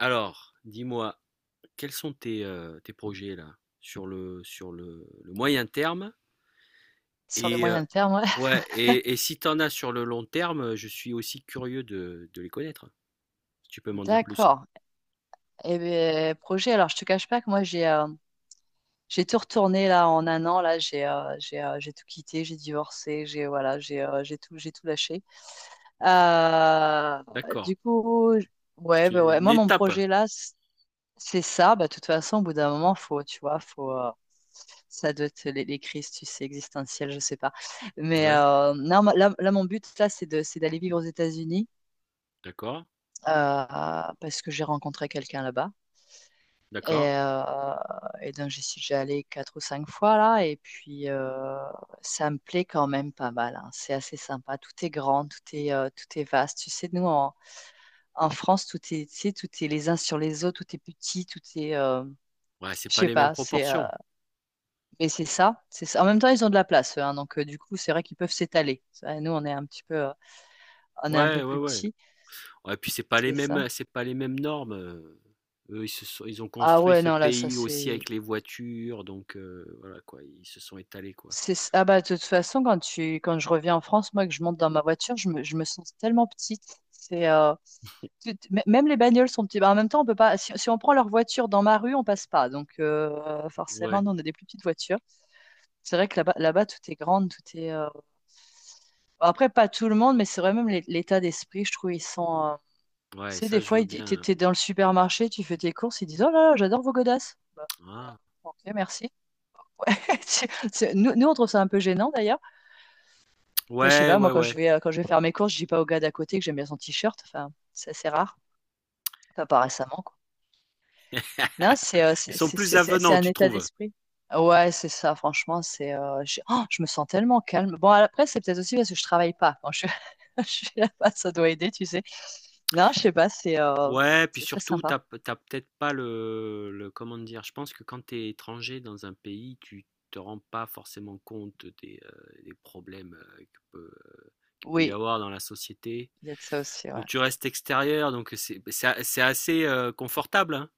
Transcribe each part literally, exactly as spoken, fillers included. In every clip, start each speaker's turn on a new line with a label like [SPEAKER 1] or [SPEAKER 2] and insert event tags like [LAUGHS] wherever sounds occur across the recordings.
[SPEAKER 1] Alors, dis-moi, quels sont tes, euh, tes projets là sur le sur le, le moyen terme
[SPEAKER 2] Sur le
[SPEAKER 1] et euh,
[SPEAKER 2] moyen terme, ouais. [LAUGHS]
[SPEAKER 1] ouais et, et si t'en as sur le long terme, je suis aussi curieux de, de les connaître. Si tu peux m'en dire plus.
[SPEAKER 2] D'accord. Eh bien, projet, alors je te cache pas que moi j'ai euh, j'ai tout retourné là en un an, là j'ai euh, j'ai euh, j'ai tout quitté, j'ai divorcé, j'ai voilà, j'ai euh, j'ai tout j'ai tout lâché. Euh,
[SPEAKER 1] D'accord.
[SPEAKER 2] du coup, j- ouais,
[SPEAKER 1] C'est
[SPEAKER 2] bah ouais,
[SPEAKER 1] une
[SPEAKER 2] moi mon
[SPEAKER 1] étape.
[SPEAKER 2] projet là, c- c'est ça. Bah, de toute façon, au bout d'un moment, faut, tu vois, faut euh, ça doit être les, les crises, tu sais, existentielles, je sais pas. Mais
[SPEAKER 1] Ouais.
[SPEAKER 2] euh, non, ma- là, là, mon but, là, c'est de, c'est d'aller vivre aux États-Unis
[SPEAKER 1] D'accord.
[SPEAKER 2] euh, parce que j'ai rencontré quelqu'un là-bas. Et,
[SPEAKER 1] D'accord.
[SPEAKER 2] euh, et donc, j'y suis déjà allée quatre ou cinq fois là, et puis euh, ça me plaît quand même pas mal, hein. C'est assez sympa. Tout est grand, tout est, euh, tout est vaste. Tu sais, nous en, en France, tout est, tu sais, tout est les uns sur les autres, tout est petit, tout est, euh,
[SPEAKER 1] Ouais, c'est
[SPEAKER 2] je
[SPEAKER 1] pas
[SPEAKER 2] sais
[SPEAKER 1] les mêmes
[SPEAKER 2] pas. C'est, euh,
[SPEAKER 1] proportions.
[SPEAKER 2] mais c'est ça, c'est ça. En même temps, ils ont de la place, eux, hein, donc euh, du coup, c'est vrai qu'ils peuvent s'étaler. Ça, nous, on est un petit peu, euh, on est un
[SPEAKER 1] Ouais,
[SPEAKER 2] peu
[SPEAKER 1] ouais,
[SPEAKER 2] plus
[SPEAKER 1] ouais.
[SPEAKER 2] petit,
[SPEAKER 1] Ouais, puis c'est pas les
[SPEAKER 2] c'est ça.
[SPEAKER 1] mêmes c'est pas les mêmes normes. euh. Eux, ils se sont- ils ont
[SPEAKER 2] Ah
[SPEAKER 1] construit
[SPEAKER 2] ouais,
[SPEAKER 1] ce
[SPEAKER 2] non, là, ça
[SPEAKER 1] pays aussi
[SPEAKER 2] c'est.
[SPEAKER 1] avec les voitures, donc euh, voilà quoi, ils se sont étalés quoi.
[SPEAKER 2] C'est, s- ah bah, de toute façon, quand tu, quand je reviens en France, moi, que je monte dans ma voiture, je me, je me sens tellement petite. C'est, euh, tu- tu- m- même les bagnoles sont petites. Bah, en même temps, on peut pas, si, si on prend leur voiture dans ma rue, on passe pas. Donc, euh, forcément,
[SPEAKER 1] Ouais.
[SPEAKER 2] nous, on a des plus petites voitures. C'est vrai que là-bas, là-bas, tout est grand, tout est, euh, après, pas tout le monde, mais c'est vrai, même l'é- l'état d'esprit, je trouve, ils sont, euh, tu
[SPEAKER 1] Ouais,
[SPEAKER 2] sais,
[SPEAKER 1] ça
[SPEAKER 2] des
[SPEAKER 1] je
[SPEAKER 2] fois,
[SPEAKER 1] veux
[SPEAKER 2] ils di- t'es,
[SPEAKER 1] bien.
[SPEAKER 2] t'es dans le supermarché, tu fais tes courses, ils disent, « Oh là là, j'adore vos godasses. » Bah, bah,
[SPEAKER 1] Ah.
[SPEAKER 2] ok, merci. [LAUGHS] Tu- C'est- Nous, nous, on trouve ça un peu gênant, d'ailleurs. Enfin, je sais
[SPEAKER 1] Ouais,
[SPEAKER 2] pas,
[SPEAKER 1] ouais,
[SPEAKER 2] moi, quand je
[SPEAKER 1] ouais.
[SPEAKER 2] vais, euh, quand je vais faire mes courses, je dis pas au gars d'à côté que j'aime bien son t-shirt. Enfin, c'est assez rare. Enfin, pas récemment, quoi. Non, c'est
[SPEAKER 1] [LAUGHS]
[SPEAKER 2] euh,
[SPEAKER 1] Ils
[SPEAKER 2] c'est
[SPEAKER 1] sont
[SPEAKER 2] c'est-
[SPEAKER 1] plus
[SPEAKER 2] c'est- c'est- c'est
[SPEAKER 1] avenants,
[SPEAKER 2] un
[SPEAKER 1] tu
[SPEAKER 2] état
[SPEAKER 1] trouves?
[SPEAKER 2] d'esprit. Ouais, c'est ça, franchement, c'est euh, j'ai- oh, je me sens tellement calme. Bon, après, c'est peut-être aussi parce que je travaille pas. Quand je, [LAUGHS] je suis là-bas, ça doit aider, tu sais. Non, je sais pas, c'est euh,
[SPEAKER 1] Ouais, puis
[SPEAKER 2] c'est très
[SPEAKER 1] surtout,
[SPEAKER 2] sympa.
[SPEAKER 1] t'as, p- t'as peut-être pas le, le- Comment dire? Je pense que quand t'es étranger dans un pays, tu te rends pas forcément compte des, euh, des problèmes euh, que peut, euh, qu'il peut y
[SPEAKER 2] Oui,
[SPEAKER 1] avoir dans la société.
[SPEAKER 2] il y a de ça aussi, ouais.
[SPEAKER 1] Donc tu restes extérieur, donc c'est bah, c'est a- c'est assez euh, confortable, hein.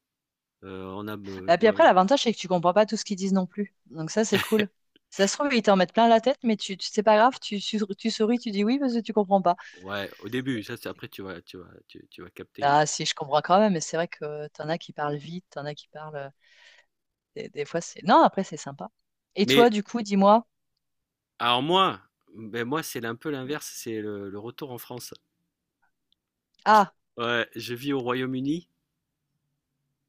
[SPEAKER 1] Euh, on a, euh,
[SPEAKER 2] Et puis
[SPEAKER 1] euh,
[SPEAKER 2] après, l'avantage, c'est que tu comprends pas tout ce qu'ils disent non plus. Donc ça, c'est cool.
[SPEAKER 1] [LAUGHS]
[SPEAKER 2] Ça se trouve, ils t'en mettent plein la tête, mais tu, tu- c'est pas grave, tu, tu, tu souris, tu dis oui parce que tu comprends pas.
[SPEAKER 1] ouais, au début, ça, c'est- après tu vas, tu vas, tu, tu vas capter.
[SPEAKER 2] Ah si, je comprends quand même, mais c'est vrai que t'en as qui parlent vite, t'en as qui parlent. Euh, Des, des fois, c'est. Non, après, c'est sympa. Et toi,
[SPEAKER 1] Mais
[SPEAKER 2] du coup, dis-moi.
[SPEAKER 1] Alors moi, ben moi c'est un peu l'inverse, c'est le le retour en France. Je
[SPEAKER 2] Ah,
[SPEAKER 1] ouais, je vis au Royaume-Uni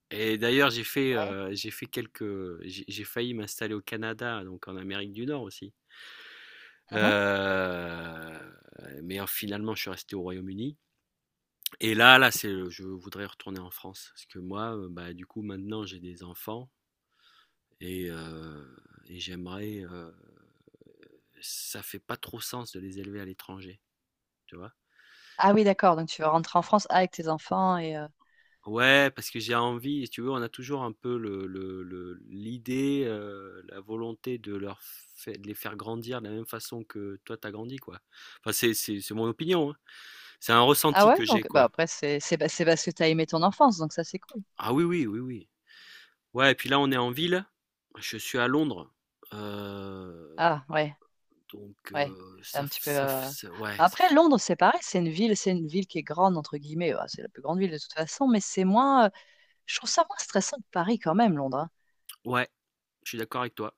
[SPEAKER 1] et d'ailleurs j'ai fait,
[SPEAKER 2] ouais.
[SPEAKER 1] heu, j'ai fait quelques j'ai j'ai failli m'installer au Canada, donc en Amérique du Nord aussi.
[SPEAKER 2] Mhm.
[SPEAKER 1] Heu, mais en finalement je suis resté au Royaume-Uni et là là c'est le je voudrais retourner en France parce que moi, heu, bah, du coup maintenant j'ai des enfants et heu et j'aimerais, heu ça fait pas trop sens de les élever à l'étranger, tu vois?
[SPEAKER 2] Ah oui, d'accord. Donc, tu vas rentrer en France avec tes enfants et. euh,
[SPEAKER 1] Ouais, parce que j'ai envie, si tu veux, on a toujours un peu le le le l'idée, heu, la volonté de leur fai de les faire grandir de la même façon que toi t'as grandi, quoi. Enfin, c'est c'est c'est mon opinion, hein. C'est un
[SPEAKER 2] ah
[SPEAKER 1] ressenti
[SPEAKER 2] ouais?
[SPEAKER 1] que j'ai,
[SPEAKER 2] Donc, bah,
[SPEAKER 1] quoi.
[SPEAKER 2] après, c'est c'est bah, c'est parce que t'as aimé ton enfance, donc ça, c'est cool.
[SPEAKER 1] Ah oui, oui, oui, oui. Ouais et puis là, on est en ville, je suis à Londres, heu,
[SPEAKER 2] Ah ouais,
[SPEAKER 1] donc
[SPEAKER 2] ouais.
[SPEAKER 1] heu,
[SPEAKER 2] C'est
[SPEAKER 1] ça
[SPEAKER 2] un
[SPEAKER 1] f
[SPEAKER 2] petit peu.
[SPEAKER 1] ça f
[SPEAKER 2] Euh,
[SPEAKER 1] ça ouais, ça
[SPEAKER 2] Après,
[SPEAKER 1] f
[SPEAKER 2] Londres, c'est pareil. C'est une ville, c'est une ville qui est grande entre guillemets. Bah, c'est la plus grande ville de toute façon, mais c'est moins. Euh, Je trouve ça moins stressant que Paris quand même, Londres, hein.
[SPEAKER 1] ouais, je suis d'accord avec toi.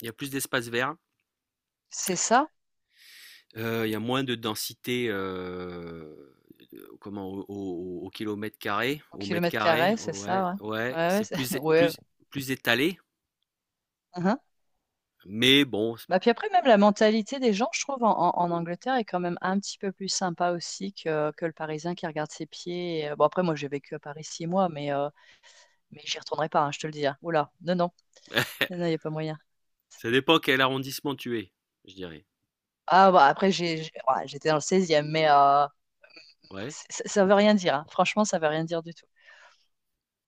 [SPEAKER 1] Il y a plus d'espace vert.
[SPEAKER 2] C'est ça.
[SPEAKER 1] Euh, Il y a moins de densité euh, euh, comment, au, au- au kilomètre carré,
[SPEAKER 2] Au
[SPEAKER 1] au mètre
[SPEAKER 2] kilomètre
[SPEAKER 1] carré,
[SPEAKER 2] carré, c'est
[SPEAKER 1] ouais,
[SPEAKER 2] ça, ouais.
[SPEAKER 1] ouais,
[SPEAKER 2] Ouais, ouais.
[SPEAKER 1] c'est
[SPEAKER 2] c'est-
[SPEAKER 1] plus,
[SPEAKER 2] [LAUGHS]
[SPEAKER 1] é-
[SPEAKER 2] ouais.
[SPEAKER 1] plus, plus étalé,
[SPEAKER 2] Mhm.
[SPEAKER 1] mais bon,
[SPEAKER 2] Bah, puis après, même la mentalité des gens, je trouve, en, en- en Angleterre est quand même un petit peu plus sympa aussi que, que le Parisien qui regarde ses pieds. Et, euh, Bon, après, moi, j'ai vécu à Paris six mois, mais, euh, mais j'y retournerai pas, hein, je te le dis, hein. Oula, non, non,
[SPEAKER 1] [LAUGHS]
[SPEAKER 2] non, il n'y a pas moyen.
[SPEAKER 1] ça dépend quel arrondissement tu es, je dirais.
[SPEAKER 2] Ah, bah, après, j'ai, j'ai- ouais, j'étais dans le seizième mais euh,
[SPEAKER 1] Ouais.
[SPEAKER 2] c- ça, ça veut rien dire, hein. Franchement, ça veut rien dire du tout.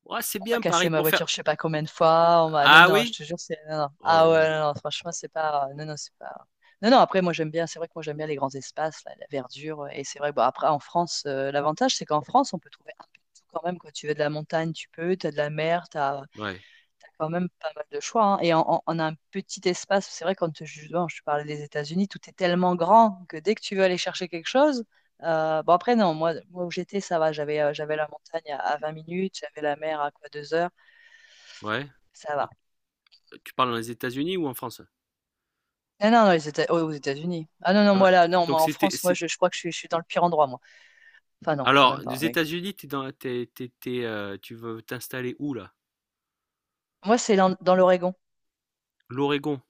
[SPEAKER 1] Ouais, c'est
[SPEAKER 2] On m'a
[SPEAKER 1] bien Paris
[SPEAKER 2] cassé ma
[SPEAKER 1] pour faire.
[SPEAKER 2] voiture, je sais pas combien de fois. On m'a... Non,
[SPEAKER 1] Ah
[SPEAKER 2] non, je
[SPEAKER 1] oui?
[SPEAKER 2] te jure, c'est. Non, non.
[SPEAKER 1] Oh là
[SPEAKER 2] Ah
[SPEAKER 1] là.
[SPEAKER 2] ouais, non, non, franchement, c'est pas. Non, non, c'est pas. Non, non, après, moi, j'aime bien. C'est vrai que moi, j'aime bien les grands espaces, la, la verdure. euh, Et c'est vrai que, bon, après, en France, euh, l'avantage, c'est qu'en France, on peut trouver un peu de tout quand même. Quand tu veux de la montagne, tu peux. Tu as de la mer, tu as,
[SPEAKER 1] Ouais,
[SPEAKER 2] quand même pas mal de choix, hein. Et on, on- on a un petit espace. C'est vrai, quand je, bon, je te parlais des États-Unis, tout est tellement grand que dès que tu veux aller chercher quelque chose. Euh, bon, après, non, moi, moi où j'étais, ça va. J'avais euh, j'avais la montagne à, à vingt minutes, j'avais la mer à quoi deux heures.
[SPEAKER 1] ouais.
[SPEAKER 2] Ça
[SPEAKER 1] Mais
[SPEAKER 2] va.
[SPEAKER 1] Tu parles dans les États-Unis ou en France?
[SPEAKER 2] Non, non, non, les Éta- aux aux États-Unis. Ah non, non,
[SPEAKER 1] Ah bah,
[SPEAKER 2] moi là, non,
[SPEAKER 1] donc
[SPEAKER 2] moi en
[SPEAKER 1] c'était,
[SPEAKER 2] France, moi
[SPEAKER 1] c'est...
[SPEAKER 2] je, je crois que je suis, je suis dans le pire endroit, moi. Enfin non, quand
[SPEAKER 1] Alors,
[SPEAKER 2] même pas,
[SPEAKER 1] des
[SPEAKER 2] mais...
[SPEAKER 1] États-Unis, t'es dans, t'es- t'es- t'es, euh, tu veux t'installer où là?
[SPEAKER 2] Moi c'est dans, dans l'Oregon.
[SPEAKER 1] L'Oregon.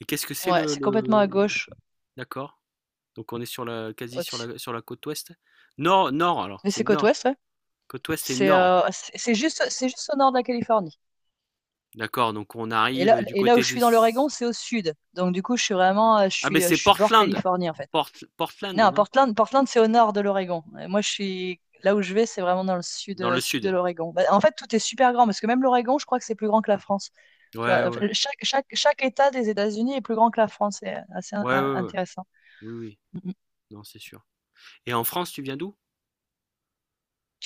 [SPEAKER 1] Et qu'est-ce que c'est
[SPEAKER 2] Ouais,
[SPEAKER 1] le,
[SPEAKER 2] c'est complètement
[SPEAKER 1] le...
[SPEAKER 2] à
[SPEAKER 1] le-
[SPEAKER 2] gauche,
[SPEAKER 1] D'accord. Donc on est sur la, quasi sur
[SPEAKER 2] au-dessus.
[SPEAKER 1] la, sur la côte ouest. Nord, nord, alors,
[SPEAKER 2] Mais
[SPEAKER 1] c'est
[SPEAKER 2] c'est côte
[SPEAKER 1] nord.
[SPEAKER 2] ouest, ouais.
[SPEAKER 1] Côte ouest et
[SPEAKER 2] C'est
[SPEAKER 1] nord.
[SPEAKER 2] euh, c'est c'est juste, c'est juste au nord de la Californie.
[SPEAKER 1] D'accord, donc on
[SPEAKER 2] Et là,
[SPEAKER 1] arrive du
[SPEAKER 2] et là où
[SPEAKER 1] côté
[SPEAKER 2] je
[SPEAKER 1] de...
[SPEAKER 2] suis dans l'Oregon, c'est au sud. Donc du coup, je suis vraiment, euh, je
[SPEAKER 1] Ah ben
[SPEAKER 2] suis, euh,
[SPEAKER 1] c'est
[SPEAKER 2] je suis bord
[SPEAKER 1] Portland.
[SPEAKER 2] Californie en fait.
[SPEAKER 1] Port- Portland,
[SPEAKER 2] Non,
[SPEAKER 1] non?
[SPEAKER 2] Portland, Portland, c'est au nord de l'Oregon. Euh, Moi, je suis là où je vais, c'est vraiment dans le sud,
[SPEAKER 1] Dans
[SPEAKER 2] euh,
[SPEAKER 1] le
[SPEAKER 2] sud de
[SPEAKER 1] sud.
[SPEAKER 2] l'Oregon. Bah, en fait, tout est super grand parce que même l'Oregon, je crois que c'est plus grand que la France. Tu vois,
[SPEAKER 1] Ouais,
[SPEAKER 2] enfin,
[SPEAKER 1] ouais.
[SPEAKER 2] chaque, chaque, chaque État des États-Unis est plus grand que la France. C'est assez in-
[SPEAKER 1] Ouais,
[SPEAKER 2] in-
[SPEAKER 1] ouais, ouais.
[SPEAKER 2] intéressant.
[SPEAKER 1] Oui, oui.
[SPEAKER 2] Mhm.
[SPEAKER 1] Non, c'est sûr. Et en France, tu viens d'où?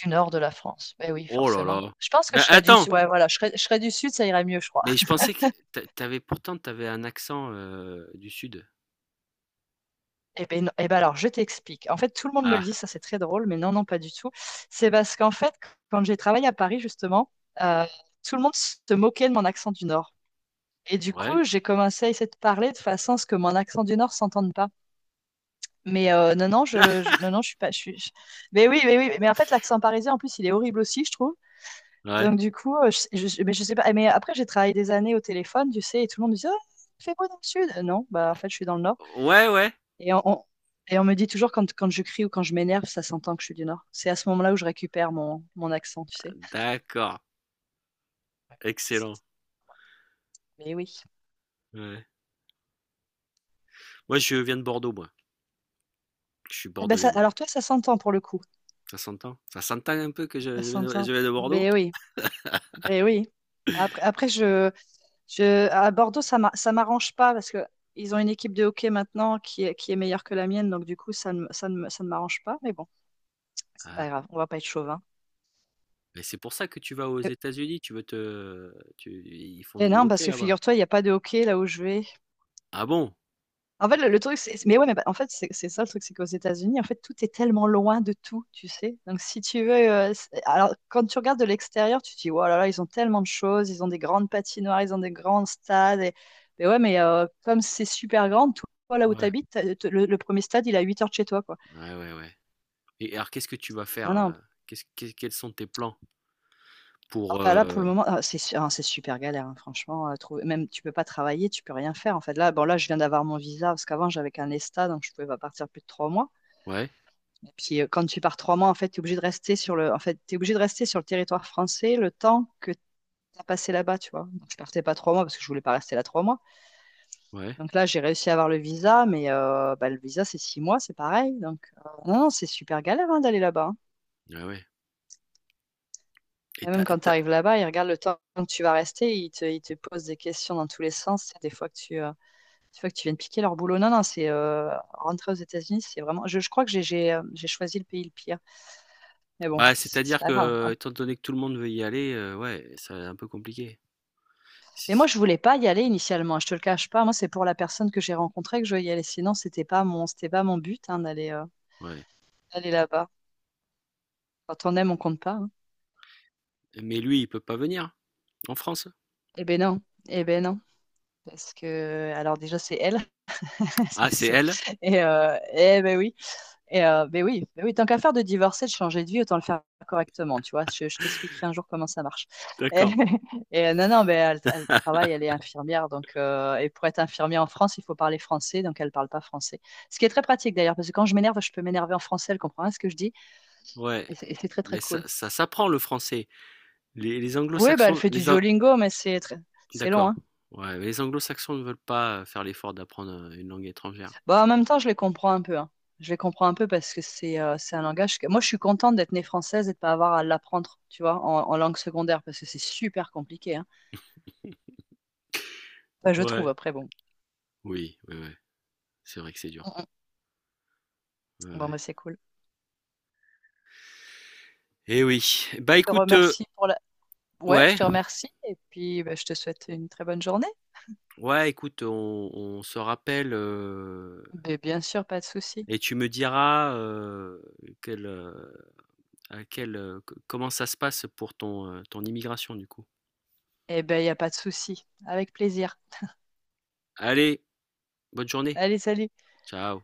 [SPEAKER 2] Du nord de la France. Ben oui,
[SPEAKER 1] Oh là
[SPEAKER 2] forcément.
[SPEAKER 1] là.
[SPEAKER 2] Je pense que
[SPEAKER 1] Mais
[SPEAKER 2] je serais du
[SPEAKER 1] attends,
[SPEAKER 2] sud. Ouais, voilà, je serais, je serais du sud, ça irait mieux, je crois.
[SPEAKER 1] mais je pensais que t'a- t'avais pourtant t'avais un accent euh, du sud.
[SPEAKER 2] Eh ben, non- eh ben alors, je t'explique. En fait, tout le monde me le
[SPEAKER 1] Ah,
[SPEAKER 2] dit, ça c'est très drôle, mais non, non, pas du tout. C'est parce qu'en fait, quand j'ai travaillé à Paris, justement, euh, tout le monde se moquait de mon accent du nord. Et du
[SPEAKER 1] ouais.
[SPEAKER 2] coup, j'ai commencé à essayer de parler de façon à ce que mon accent du Nord s'entende pas. Mais euh, non, non, je, je-
[SPEAKER 1] [LAUGHS]
[SPEAKER 2] non, non, je suis pas. Je suis, je- Mais oui, mais oui, mais en fait, l'accent parisien, en plus, il est horrible aussi, je trouve.
[SPEAKER 1] Ouais.
[SPEAKER 2] Donc, du coup, euh, je, je, mais je sais pas. Mais après, j'ai travaillé des années au téléphone, tu sais, et tout le monde me dit, « Ah, fais beau dans le Sud. » Euh, non, bah, en fait, je suis dans le Nord.
[SPEAKER 1] Ouais, ouais.
[SPEAKER 2] Et on, on- et on me dit toujours quand, quand je crie ou quand je m'énerve, ça s'entend que je suis du Nord. C'est à ce moment-là où je récupère mon, mon accent, tu sais.
[SPEAKER 1] D'accord. Excellent.
[SPEAKER 2] C'est- Mais oui.
[SPEAKER 1] Ouais. Moi, je viens de Bordeaux, moi. Je suis
[SPEAKER 2] Ah, bah
[SPEAKER 1] bordelais,
[SPEAKER 2] ça-
[SPEAKER 1] moi.
[SPEAKER 2] alors, toi, ça s'entend pour le coup.
[SPEAKER 1] Ça s'entend. Ça s'entend un peu que je,
[SPEAKER 2] Ça
[SPEAKER 1] je viens de, je
[SPEAKER 2] s'entend.
[SPEAKER 1] viens de Bordeaux.
[SPEAKER 2] Mais oui. Mais oui. Après, après je, je, à Bordeaux, ça m'a- ça m'arrange pas parce que ils ont une équipe de hockey maintenant qui est, qui est meilleure que la mienne. Donc, du coup, ça ne, ça ne, ça ne m'arrange pas. Mais bon, c'est
[SPEAKER 1] Ah,
[SPEAKER 2] pas grave. On va pas être chauvin.
[SPEAKER 1] mais c'est pour ça que tu vas aux
[SPEAKER 2] Et,
[SPEAKER 1] États-Unis. Tu veux te, tu- ils font
[SPEAKER 2] et
[SPEAKER 1] du
[SPEAKER 2] non, parce
[SPEAKER 1] hockey
[SPEAKER 2] que
[SPEAKER 1] là-bas.
[SPEAKER 2] figure-toi, il n'y a pas de hockey là où je vais.
[SPEAKER 1] Ah bon?
[SPEAKER 2] En fait, le, le truc, c'est mais ouais, mais bah, en fait, c'est c'est ça le truc, c'est qu'aux États-Unis, en fait, tout est tellement loin de tout, tu sais. Donc, si tu veux, euh, c'est- alors quand tu regardes de l'extérieur, tu te dis, oh là là, ils ont tellement de choses, ils ont des grandes patinoires, ils ont des grands stades. Et... Mais ouais, mais euh, comme c'est super grand, toi, là où tu
[SPEAKER 1] Ouais,
[SPEAKER 2] habites, le, le premier stade, il est à huit heures de chez toi, quoi.
[SPEAKER 1] ouais, ouais, ouais. Et alors, qu'est-ce que tu vas faire?
[SPEAKER 2] Non, non.
[SPEAKER 1] euh, qu'est-ce- qu'est- quels sont tes plans
[SPEAKER 2] Ah,
[SPEAKER 1] pour
[SPEAKER 2] bah là, pour
[SPEAKER 1] euh,
[SPEAKER 2] le moment, ah, c'est su- ah, c'est super galère, hein, franchement. Euh, trouver- Même tu peux pas travailler, tu peux rien faire. En fait, là, bon, là, je viens d'avoir mon visa parce qu'avant, j'avais qu'un ESTA, donc je pouvais pas partir plus de trois mois.
[SPEAKER 1] Ouais,
[SPEAKER 2] Puis euh, quand tu pars trois mois, en fait, tu es obligé de rester sur le, en fait, t'es obligé de rester sur le territoire français le temps que tu as passé là-bas, tu vois. Donc, je partais pas trois mois parce que je voulais pas rester là trois mois.
[SPEAKER 1] ouais,
[SPEAKER 2] Donc là, j'ai réussi à avoir le visa, mais euh, bah, le visa, c'est six mois, c'est pareil. Donc euh, non, non, c'est super galère hein, d'aller là-bas, hein.
[SPEAKER 1] ouais, ouais. Et
[SPEAKER 2] Et
[SPEAKER 1] t'as-
[SPEAKER 2] même
[SPEAKER 1] et
[SPEAKER 2] quand tu
[SPEAKER 1] t'as-
[SPEAKER 2] arrives là-bas, ils regardent le temps que tu vas rester, ils te, ils te posent des questions dans tous les sens. Des fois que tu, euh, des fois que tu viens de piquer leur boulot. Non, non, c'est euh, rentrer aux États-Unis, c'est vraiment. Je, je crois que j'ai j'ai, euh, j'ai choisi le pays le pire. Mais bon,
[SPEAKER 1] Bah,
[SPEAKER 2] c'est c'est
[SPEAKER 1] c'est-à-dire
[SPEAKER 2] pas grave.
[SPEAKER 1] que, étant donné que tout le monde veut y aller, euh, ouais, c'est un peu compliqué. Si,
[SPEAKER 2] Mais moi,
[SPEAKER 1] si.
[SPEAKER 2] je voulais pas y aller initialement, je te le cache pas. Moi, c'est pour la personne que j'ai rencontrée que je veux y aller. Sinon, c'était pas mon, c'était pas mon but hein, d'aller euh,
[SPEAKER 1] Ouais.
[SPEAKER 2] d'aller là-bas. Quand on aime, on compte pas, hein.
[SPEAKER 1] Mais lui, il peut pas venir en France.
[SPEAKER 2] Eh ben non, eh ben non. Parce que, alors déjà, c'est elle. [LAUGHS]
[SPEAKER 1] Ah,
[SPEAKER 2] C'est-
[SPEAKER 1] c'est
[SPEAKER 2] c'est-
[SPEAKER 1] elle?
[SPEAKER 2] Et, euh, eh ben oui. Et euh, mais oui, mais oui, tant qu'à faire de divorcer, de changer de vie, autant le faire correctement, tu vois. Je, je t'expliquerai un jour comment ça marche.
[SPEAKER 1] D'accord.
[SPEAKER 2] [LAUGHS] Et, et, euh, non, non, mais elle, elle travaille, elle est infirmière, donc euh, et pour être infirmière en France, il faut parler français, donc elle parle pas français. Ce qui est très pratique d'ailleurs, parce que quand je m'énerve, je peux m'énerver en français, elle comprend rien à ce que je dis,
[SPEAKER 1] Ouais.
[SPEAKER 2] et c'est et c'est très très
[SPEAKER 1] Mais ça,
[SPEAKER 2] cool.
[SPEAKER 1] ça s'apprend le français. Les, les
[SPEAKER 2] Oui, bah elle
[SPEAKER 1] anglo-saxons,
[SPEAKER 2] fait du
[SPEAKER 1] les Ang,
[SPEAKER 2] Duolingo, mais c'est très- c'est long,
[SPEAKER 1] d'accord.
[SPEAKER 2] hein.
[SPEAKER 1] Ouais, mais les anglo-saxons ne veulent pas euh, faire l'effort d'apprendre euh, une langue étrangère.
[SPEAKER 2] Bah, en même temps, je les comprends un peu, hein. Je les comprends un peu parce que c'est euh, c'est un langage que... Moi, je suis contente d'être née française et de pas avoir à l'apprendre, tu vois, en, en langue secondaire, parce que c'est super compliqué, hein. Enfin, je trouve,
[SPEAKER 1] Ouais.
[SPEAKER 2] après, bon.
[SPEAKER 1] Oui, ouais, ouais. C'est vrai que c'est
[SPEAKER 2] Mm,
[SPEAKER 1] dur.
[SPEAKER 2] mm.
[SPEAKER 1] Ouais,
[SPEAKER 2] Bon,
[SPEAKER 1] ouais.
[SPEAKER 2] bah, c'est cool.
[SPEAKER 1] Eh oui. Bah
[SPEAKER 2] Je te
[SPEAKER 1] écoute, euh,
[SPEAKER 2] remercie pour la... Ouais, je
[SPEAKER 1] ouais,
[SPEAKER 2] te remercie. Et puis, bah, je te souhaite une très bonne journée.
[SPEAKER 1] ouais, écoute, on, on se rappelle euh,
[SPEAKER 2] Mais bien sûr, pas de souci.
[SPEAKER 1] et tu me diras euh, quel, euh, à quel, euh, c- comment ça se passe pour ton, euh, ton immigration du coup.
[SPEAKER 2] Eh ben, il n'y a pas de souci. Avec plaisir.
[SPEAKER 1] Allez, bonne journée.
[SPEAKER 2] Allez, salut.
[SPEAKER 1] Ciao.